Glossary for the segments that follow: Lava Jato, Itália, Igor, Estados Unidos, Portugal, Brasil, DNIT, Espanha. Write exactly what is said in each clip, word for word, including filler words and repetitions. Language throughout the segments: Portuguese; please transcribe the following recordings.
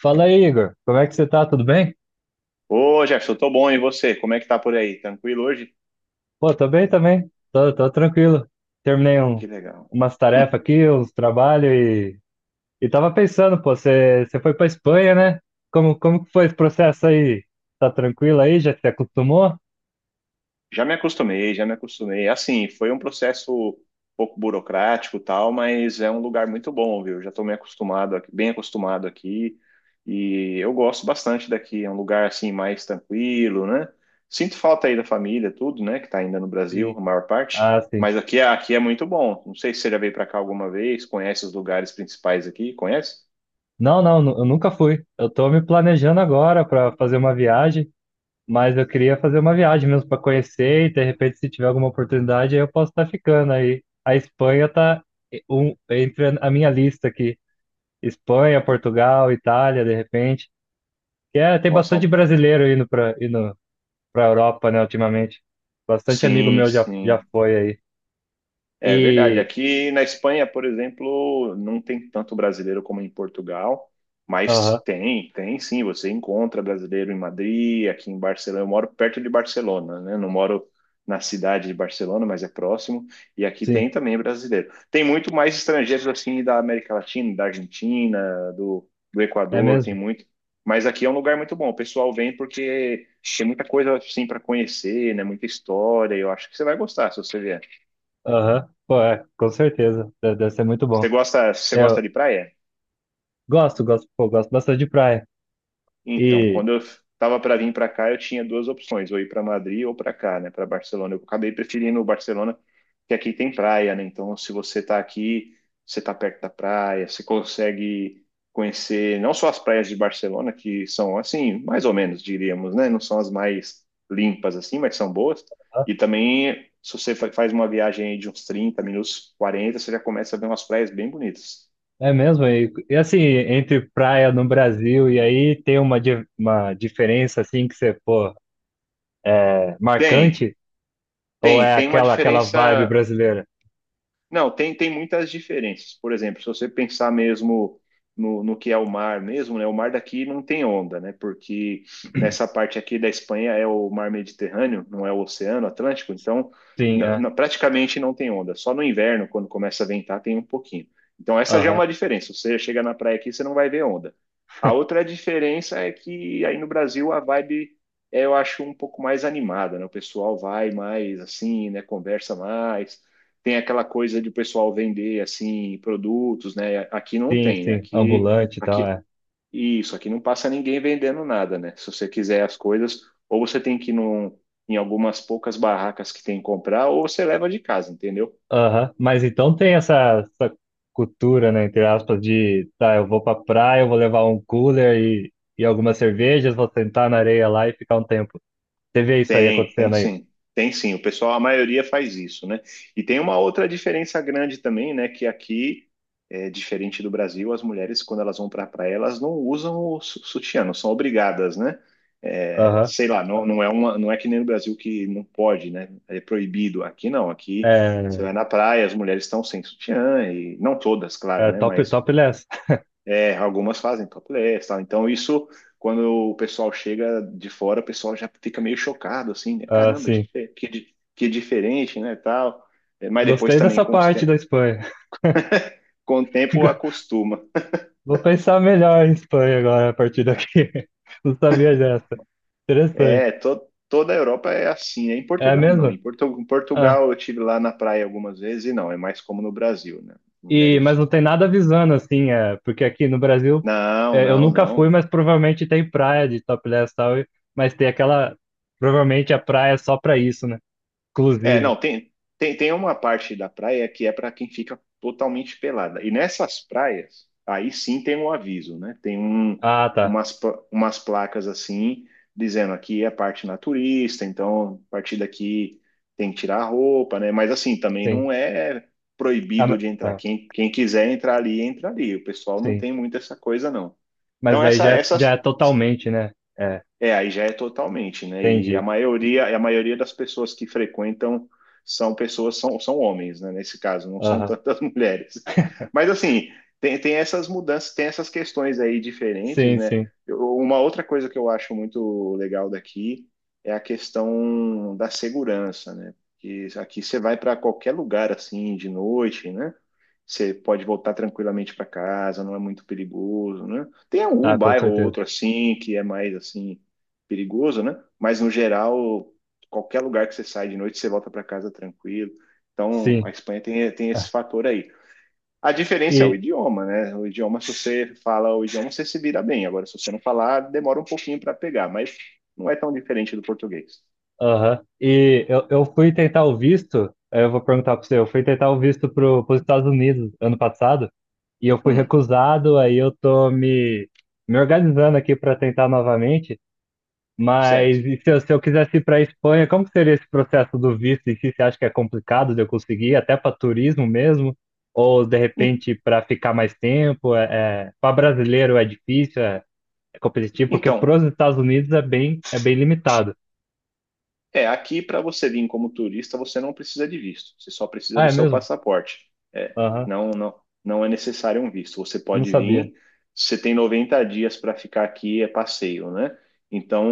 Fala aí, Igor. Como é que você tá? Tudo bem? Ô, Jefferson, tô bom, e você? Como é que tá por aí? Tranquilo hoje? Pô, tô bem também. Tô, tô tranquilo. Terminei um, Que legal. umas tarefas Hum, aqui, uns trabalhos e, e tava pensando, pô, você, você foi pra Espanha, né? Como, como que foi esse processo aí? Tá tranquilo aí? Já se acostumou? Já me acostumei, já me acostumei. Assim, foi um processo um pouco burocrático, e tal, mas é um lugar muito bom, viu? Já tô me acostumado aqui, bem acostumado aqui, e eu gosto bastante daqui. É um lugar assim mais tranquilo, né? Sinto falta aí da família, tudo, né? Que tá ainda no Brasil, Sim. a maior parte. Ah, sim. Mas aqui, é- aqui é muito bom. Não sei se você já veio pra cá alguma vez, conhece os lugares principais aqui, conhece? Não, não, nu- eu nunca fui. Eu tô me planejando agora pra fazer uma viagem. Mas eu queria fazer uma viagem mesmo para conhecer e de repente se tiver alguma oportunidade aí eu posso estar ficando aí. A Espanha tá e- um, entre a minha lista aqui. Espanha, Portugal, Itália, de repente. Que é, tem Nossa, bastante são... brasileiro indo para indo para Europa, né, ultimamente. Bastante amigo Sim, meu já já sim. foi aí. É verdade. E Aqui na Espanha, por exemplo, não tem tanto brasileiro como em Portugal, aham, mas tem, tem sim. Você encontra brasileiro em Madrid, aqui em Barcelona. Eu moro perto de Barcelona, né? Não moro na cidade de Barcelona, mas é próximo. E aqui sim, tem também brasileiro. Tem muito mais estrangeiros assim da América Latina, da Argentina, do, do é Equador, tem mesmo? muito. Mas aqui é um lugar muito bom. O pessoal vem porque tem muita coisa assim para conhecer, né? Muita história. Eu acho que você vai gostar se você vier. Aham. Pô, é, com certeza. Deve deve ser muito Você bom. gosta, você gosta Eu de praia? gosto, gosto, pô, gosto bastante de praia. Então, E quando eu estava para vir para cá, eu tinha duas opções, ou ir para Madrid ou para cá, né, para Barcelona. Eu acabei preferindo o Barcelona, que aqui tem praia, né? Então, se você está aqui, você está perto da praia, você consegue conhecer não só as praias de Barcelona, que são assim, mais ou menos, diríamos, né? Não são as mais limpas assim, mas são boas. E também, se você fa- faz uma viagem aí de uns trinta, minutos, quarenta, você já começa a ver umas praias bem bonitas. é mesmo? E, e assim, entre praia no Brasil e aí tem uma, di- uma diferença assim que você, pô, é Tem. marcante? Ou Tem, é tem uma aquela aquela vibe diferença brasileira? não, tem, tem muitas diferenças. Por exemplo, se você pensar mesmo no, no que é o mar mesmo, né? O mar daqui não tem onda, né? Porque nessa parte aqui da Espanha é o mar Mediterrâneo, não é o Oceano Atlântico, então Sim, na- é. na- praticamente não tem onda. Só no inverno, quando começa a ventar, tem um pouquinho. Então essa já é Aham. uma diferença. Você chega na praia aqui, você não vai ver onda. A outra diferença é que aí no Brasil a vibe é, eu acho, um pouco mais animada, né? O pessoal vai mais assim, né? Conversa mais tem aquela coisa de o pessoal vender assim produtos, né? Aqui não Sim, tem, né? sim. aqui Ambulante e tal, aqui é. isso, aqui não passa ninguém vendendo nada, né? Se você quiser as coisas, ou você tem que ir num, em algumas poucas barracas que tem que comprar, ou você leva de casa, entendeu? Aham. Mas então tem essa, essa cultura, né, entre aspas, de, tá, eu vou pra praia, eu vou levar um cooler e, e algumas cervejas, vou sentar na areia lá e ficar um tempo. Você vê isso aí Tem, tem acontecendo aí? sim. Tem sim. O pessoal, a maioria faz isso, né? E tem uma outra diferença grande também, né? Que aqui, é diferente do Brasil, as mulheres, quando elas vão para a praia, elas não usam o su- sutiã, não são obrigadas, né? É, Aham. sei lá, não, não é uma, não é que nem no Brasil que não pode, né? É proibido. Aqui não, aqui É, você vai na praia, as mulheres estão sem sutiã, e não todas, claro, é né? top, Mas topless. é, algumas fazem topless, tal. Então isso, quando o pessoal chega de fora, o pessoal já fica meio chocado, assim, né? Ah, Caramba, sim. que, que, di- que diferente, né, tal. É, mas depois Gostei também dessa com, os parte da te- Espanha. com o tempo acostuma. Vou pensar melhor em Espanha agora a partir daqui. Não sabia dessa. Interessante. É, to- toda a Europa é assim, né? Em É Portugal não. mesmo? Em, Portu- em Ah, Portugal eu tive lá na praia algumas vezes e não, é mais como no Brasil, né? e, mas não Mulheres... tem nada avisando, assim, é, porque aqui no Brasil Não, é, eu não, nunca fui, não. mas provavelmente tem praia de topless e tal, e- mas tem aquela. Provavelmente a praia é só pra isso, né? É, Exclusivo. não, tem, tem, tem uma parte da praia que é para quem fica totalmente pelada. E nessas praias, aí sim tem um aviso, né? Tem um, Ah, tá. umas, pla- umas placas assim, dizendo aqui é parte naturista, então a partir daqui tem que tirar a roupa, né? Mas assim, também Sim. não é Ah, ma- proibido de entrar. ah, Quem, quem quiser entrar ali, entra ali. O pessoal não sim. tem muito essa coisa, não. Mas Então, daí essa, já é, já é essas. totalmente, né? É, É, aí já é totalmente, né? E a entendi. maioria, e a maioria das pessoas que frequentam são pessoas, são, são homens, né? Nesse caso, não são Aham. tantas mulheres. Mas assim, tem, tem essas mudanças, tem essas questões aí diferentes, Sim, né? sim. Eu- uma outra coisa que eu acho muito legal daqui é a questão da segurança, né? Porque aqui você vai para qualquer lugar assim de noite, né? Você pode voltar tranquilamente para casa, não é muito perigoso, né? Tem algum Ah, com bairro ou certeza. outro assim que é mais assim perigoso, né? Mas no geral, qualquer lugar que você sai de noite, você volta para casa tranquilo. Então, a Sim. Espanha tem, tem esse fator aí. A diferença é o E, idioma, né? O idioma, se você fala o idioma, você se vira bem. Agora, se você não falar, demora um pouquinho para pegar, mas não é tão diferente do português. aham. e eu, eu fui tentar o visto, aí eu vou perguntar para você, eu fui tentar o visto para os Estados Unidos ano passado, e eu fui Hum, recusado, aí eu tô me, me organizando aqui para tentar novamente, certo. mas e se eu, se eu quisesse ir para a Espanha, como que seria esse processo do visto? E se você acha que é complicado de eu conseguir, até para turismo mesmo? Ou de En- repente para ficar mais tempo? É, para brasileiro é difícil, é, é competitivo, porque para Então, os Estados Unidos é bem, é bem limitado. é, aqui para você vir como turista, você não precisa de visto, você só precisa Ah, do é seu mesmo? passaporte. É, Aham, não, não, não é necessário um visto. Você não pode sabia. vir, você tem noventa dias para ficar aqui, é passeio, né? Então,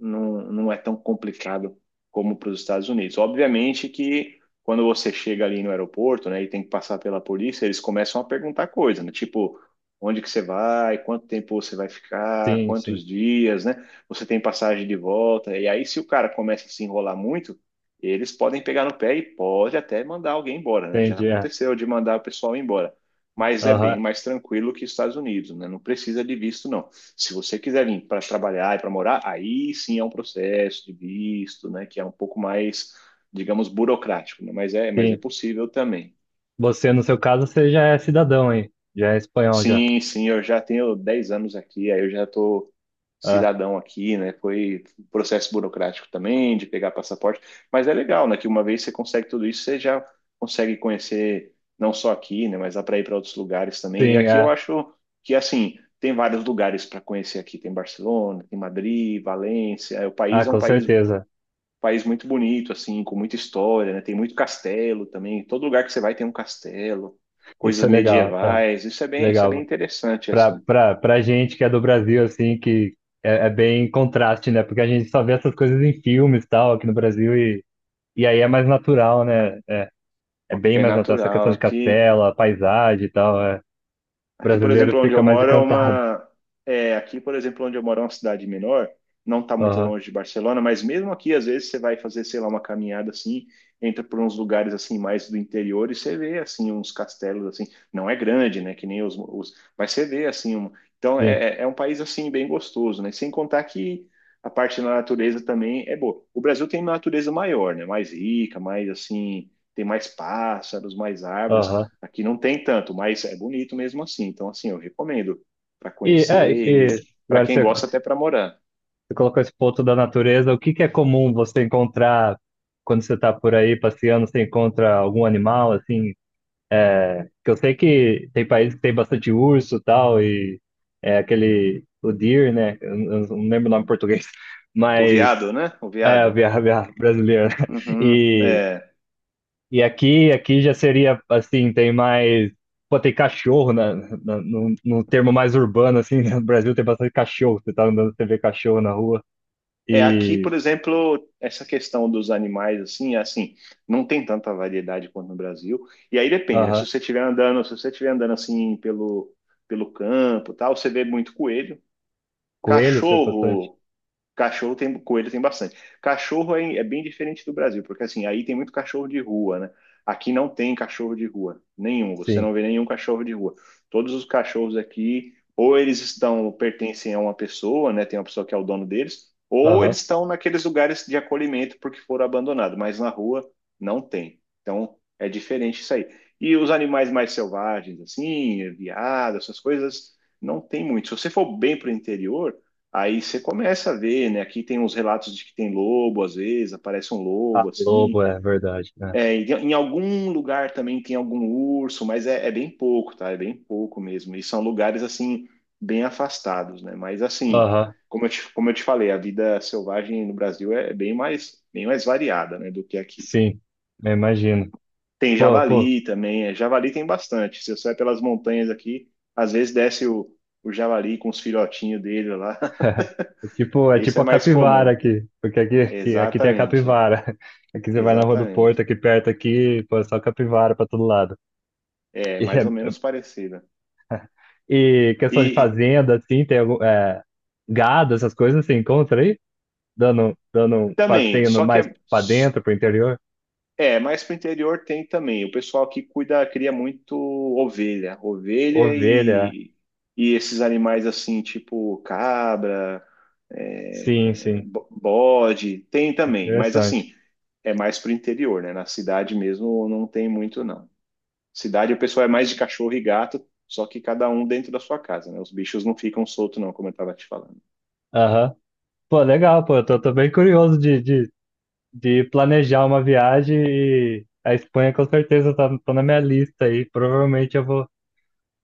não, não é tão complicado como para os Estados Unidos. Obviamente que quando você chega ali no aeroporto, né, e tem que passar pela polícia, eles começam a perguntar coisa, né? Tipo, onde que você vai, quanto tempo você vai ficar, Sim, sim, quantos dias, né? Você tem passagem de volta. E aí, se o cara começa a se enrolar muito, eles podem pegar no pé e pode até mandar alguém embora, né? Já entendi. É. aconteceu de mandar o pessoal embora. Mas é bem Aham, mais tranquilo que os Estados Unidos, né? Não precisa de visto, não. Se você quiser vir para trabalhar e para morar, aí sim é um processo de visto, né? Que é um pouco mais, digamos, burocrático, né? Mas é, mas é sim. possível também. Você, no seu caso, você já é cidadão, hein, já é espanhol já. Sim, sim, eu já tenho dez anos aqui, aí eu já estou Ah, cidadão aqui, né? Foi processo burocrático também de pegar passaporte, mas é legal, né? Que uma vez você consegue tudo isso, você já consegue conhecer não só aqui, né? Mas dá para ir para outros lugares também. E sim, aqui eu é. acho que assim tem vários lugares para conhecer aqui. Tem Barcelona, tem Madrid, Valência. O país Ah, é um com país certeza. país muito bonito, assim, com muita história, né? Tem muito castelo também. Todo lugar que você vai tem um castelo, Isso coisas é legal, é, medievais. Isso é bem, isso é bem legal. interessante, Pra, assim. pra, pra gente que é do Brasil, assim, que é, é bem contraste, né? Porque a gente só vê essas coisas em filmes e tal, aqui no Brasil, e, e aí é mais natural, né? É bem É mais natural essa natural questão de aqui. castelo, a paisagem e tal. É. O Aqui, por brasileiro exemplo, onde fica eu mais moro é encantado. uma. É, aqui, por exemplo, onde eu moro é uma cidade menor, não está muito Aham, longe de Barcelona, mas mesmo aqui, às vezes, você vai fazer, sei lá, uma caminhada assim, entra por uns lugares assim, mais do interior, e você vê, assim, uns castelos, assim, não é grande, né, que nem os. Os mas você vê, assim, um, então sim. é, é é um país, assim, bem gostoso, né? Sem contar que a parte da natureza também é boa. O Brasil tem uma natureza maior, né? Mais rica, mais, assim, tem mais pássaros, mais árvores. Aham. Aqui não tem tanto, mas é bonito mesmo assim. Então, assim, eu recomendo para E, é, conhecer e e para agora quem você, gosta você até para morar. colocou esse ponto da natureza. O que que é comum você encontrar quando você está por aí passeando? Você encontra algum animal assim? Que eu sei que tem países que tem bastante urso e tal e é aquele o deer, né? Eu, eu não lembro o nome em português, O mas veado, né? O é a veado. via, via brasileira. Uhum, E é. E aqui, aqui já seria assim, tem mais. Pô, tem cachorro na, na- no, no termo mais urbano, assim, né? No Brasil tem bastante cachorro. Você tá andando, você vê cachorro na rua. É, aqui, E. por exemplo, essa questão dos animais, assim, é assim, não tem tanta variedade quanto no Brasil. E aí depende, né? Se Aham. você estiver andando, se você estiver andando assim pelo, pelo campo, e tal, você vê muito coelho. Coelhos foi bastante? Cachorro, cachorro tem, coelho tem bastante. Cachorro é, é bem diferente do Brasil, porque assim, aí tem muito cachorro de rua, né? Aqui não tem cachorro de rua, nenhum. Você não Sim. vê nenhum cachorro de rua. Todos os cachorros aqui, ou eles estão, pertencem a uma pessoa, né? Tem uma pessoa que é o dono deles, ou Aham. eles estão naqueles lugares de acolhimento porque foram abandonados, mas na rua não tem. Então é diferente isso aí. E os animais mais selvagens, assim, veado, essas coisas, não tem muito. Se você for bem para o interior aí você começa a ver, né? Aqui tem uns relatos de que tem lobo, às vezes, aparece um Ah, lobo lobo, assim. é verdade, né? É, em em algum lugar também tem algum urso, mas é, é bem pouco, tá? É bem pouco mesmo. E são lugares assim, bem afastados, né? Mas assim, Aham, como eu te, como eu te falei, a vida selvagem no Brasil é bem mais, bem mais variada, né, do que aqui. sim. Eu imagino. Tem Pô, pô. javali também, é, javali tem bastante. Se você vai pelas montanhas aqui, às vezes desce o, o javali com os filhotinhos dele lá. É tipo, é Isso tipo é a mais capivara comum. aqui. Porque aqui, aqui, aqui tem a Exatamente, é. capivara. Aqui você vai na Rua do Porto, Exatamente. aqui perto, aqui, pô, é só capivara pra todo lado. É E mais é, ou menos parecida. e questão de E fazenda, assim, tem algum, é, gado, essas coisas, você encontra aí? Dando, dando um também, passeio no- só que mais é, pra dentro, pro interior? é mais para o interior tem também. O pessoal que cuida, cria muito ovelha, ovelha Ovelha. e, e esses animais assim, tipo cabra, é, Sim, sim. bo- bode, tem também. Mas Interessante. assim, é mais para o interior, né? Na cidade mesmo não tem muito, não. Cidade o pessoal é mais de cachorro e gato, só que cada um dentro da sua casa, né? Os bichos não ficam soltos, não, como eu estava te falando. Aham. Pô, legal, pô. Eu tô, tô bem curioso de, de, de planejar uma viagem e a Espanha com certeza tá, tá na minha lista aí. Provavelmente eu vou,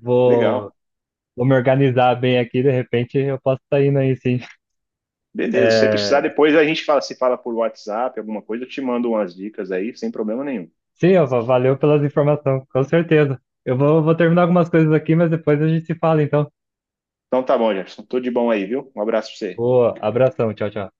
vou, Legal. vou me organizar bem aqui, de repente eu posso estar indo aí, sim. Beleza. Se você precisar, É, depois a gente fala, se fala por WhatsApp, alguma coisa, eu te mando umas dicas aí, sem problema nenhum. sim, Alfa, valeu pelas informações, com certeza. Eu vou, vou terminar algumas coisas aqui, mas depois a gente se fala, então. Então tá bom, Jefferson. Tudo de bom aí, viu? Um abraço pra você. Boa, abração, tchau, tchau.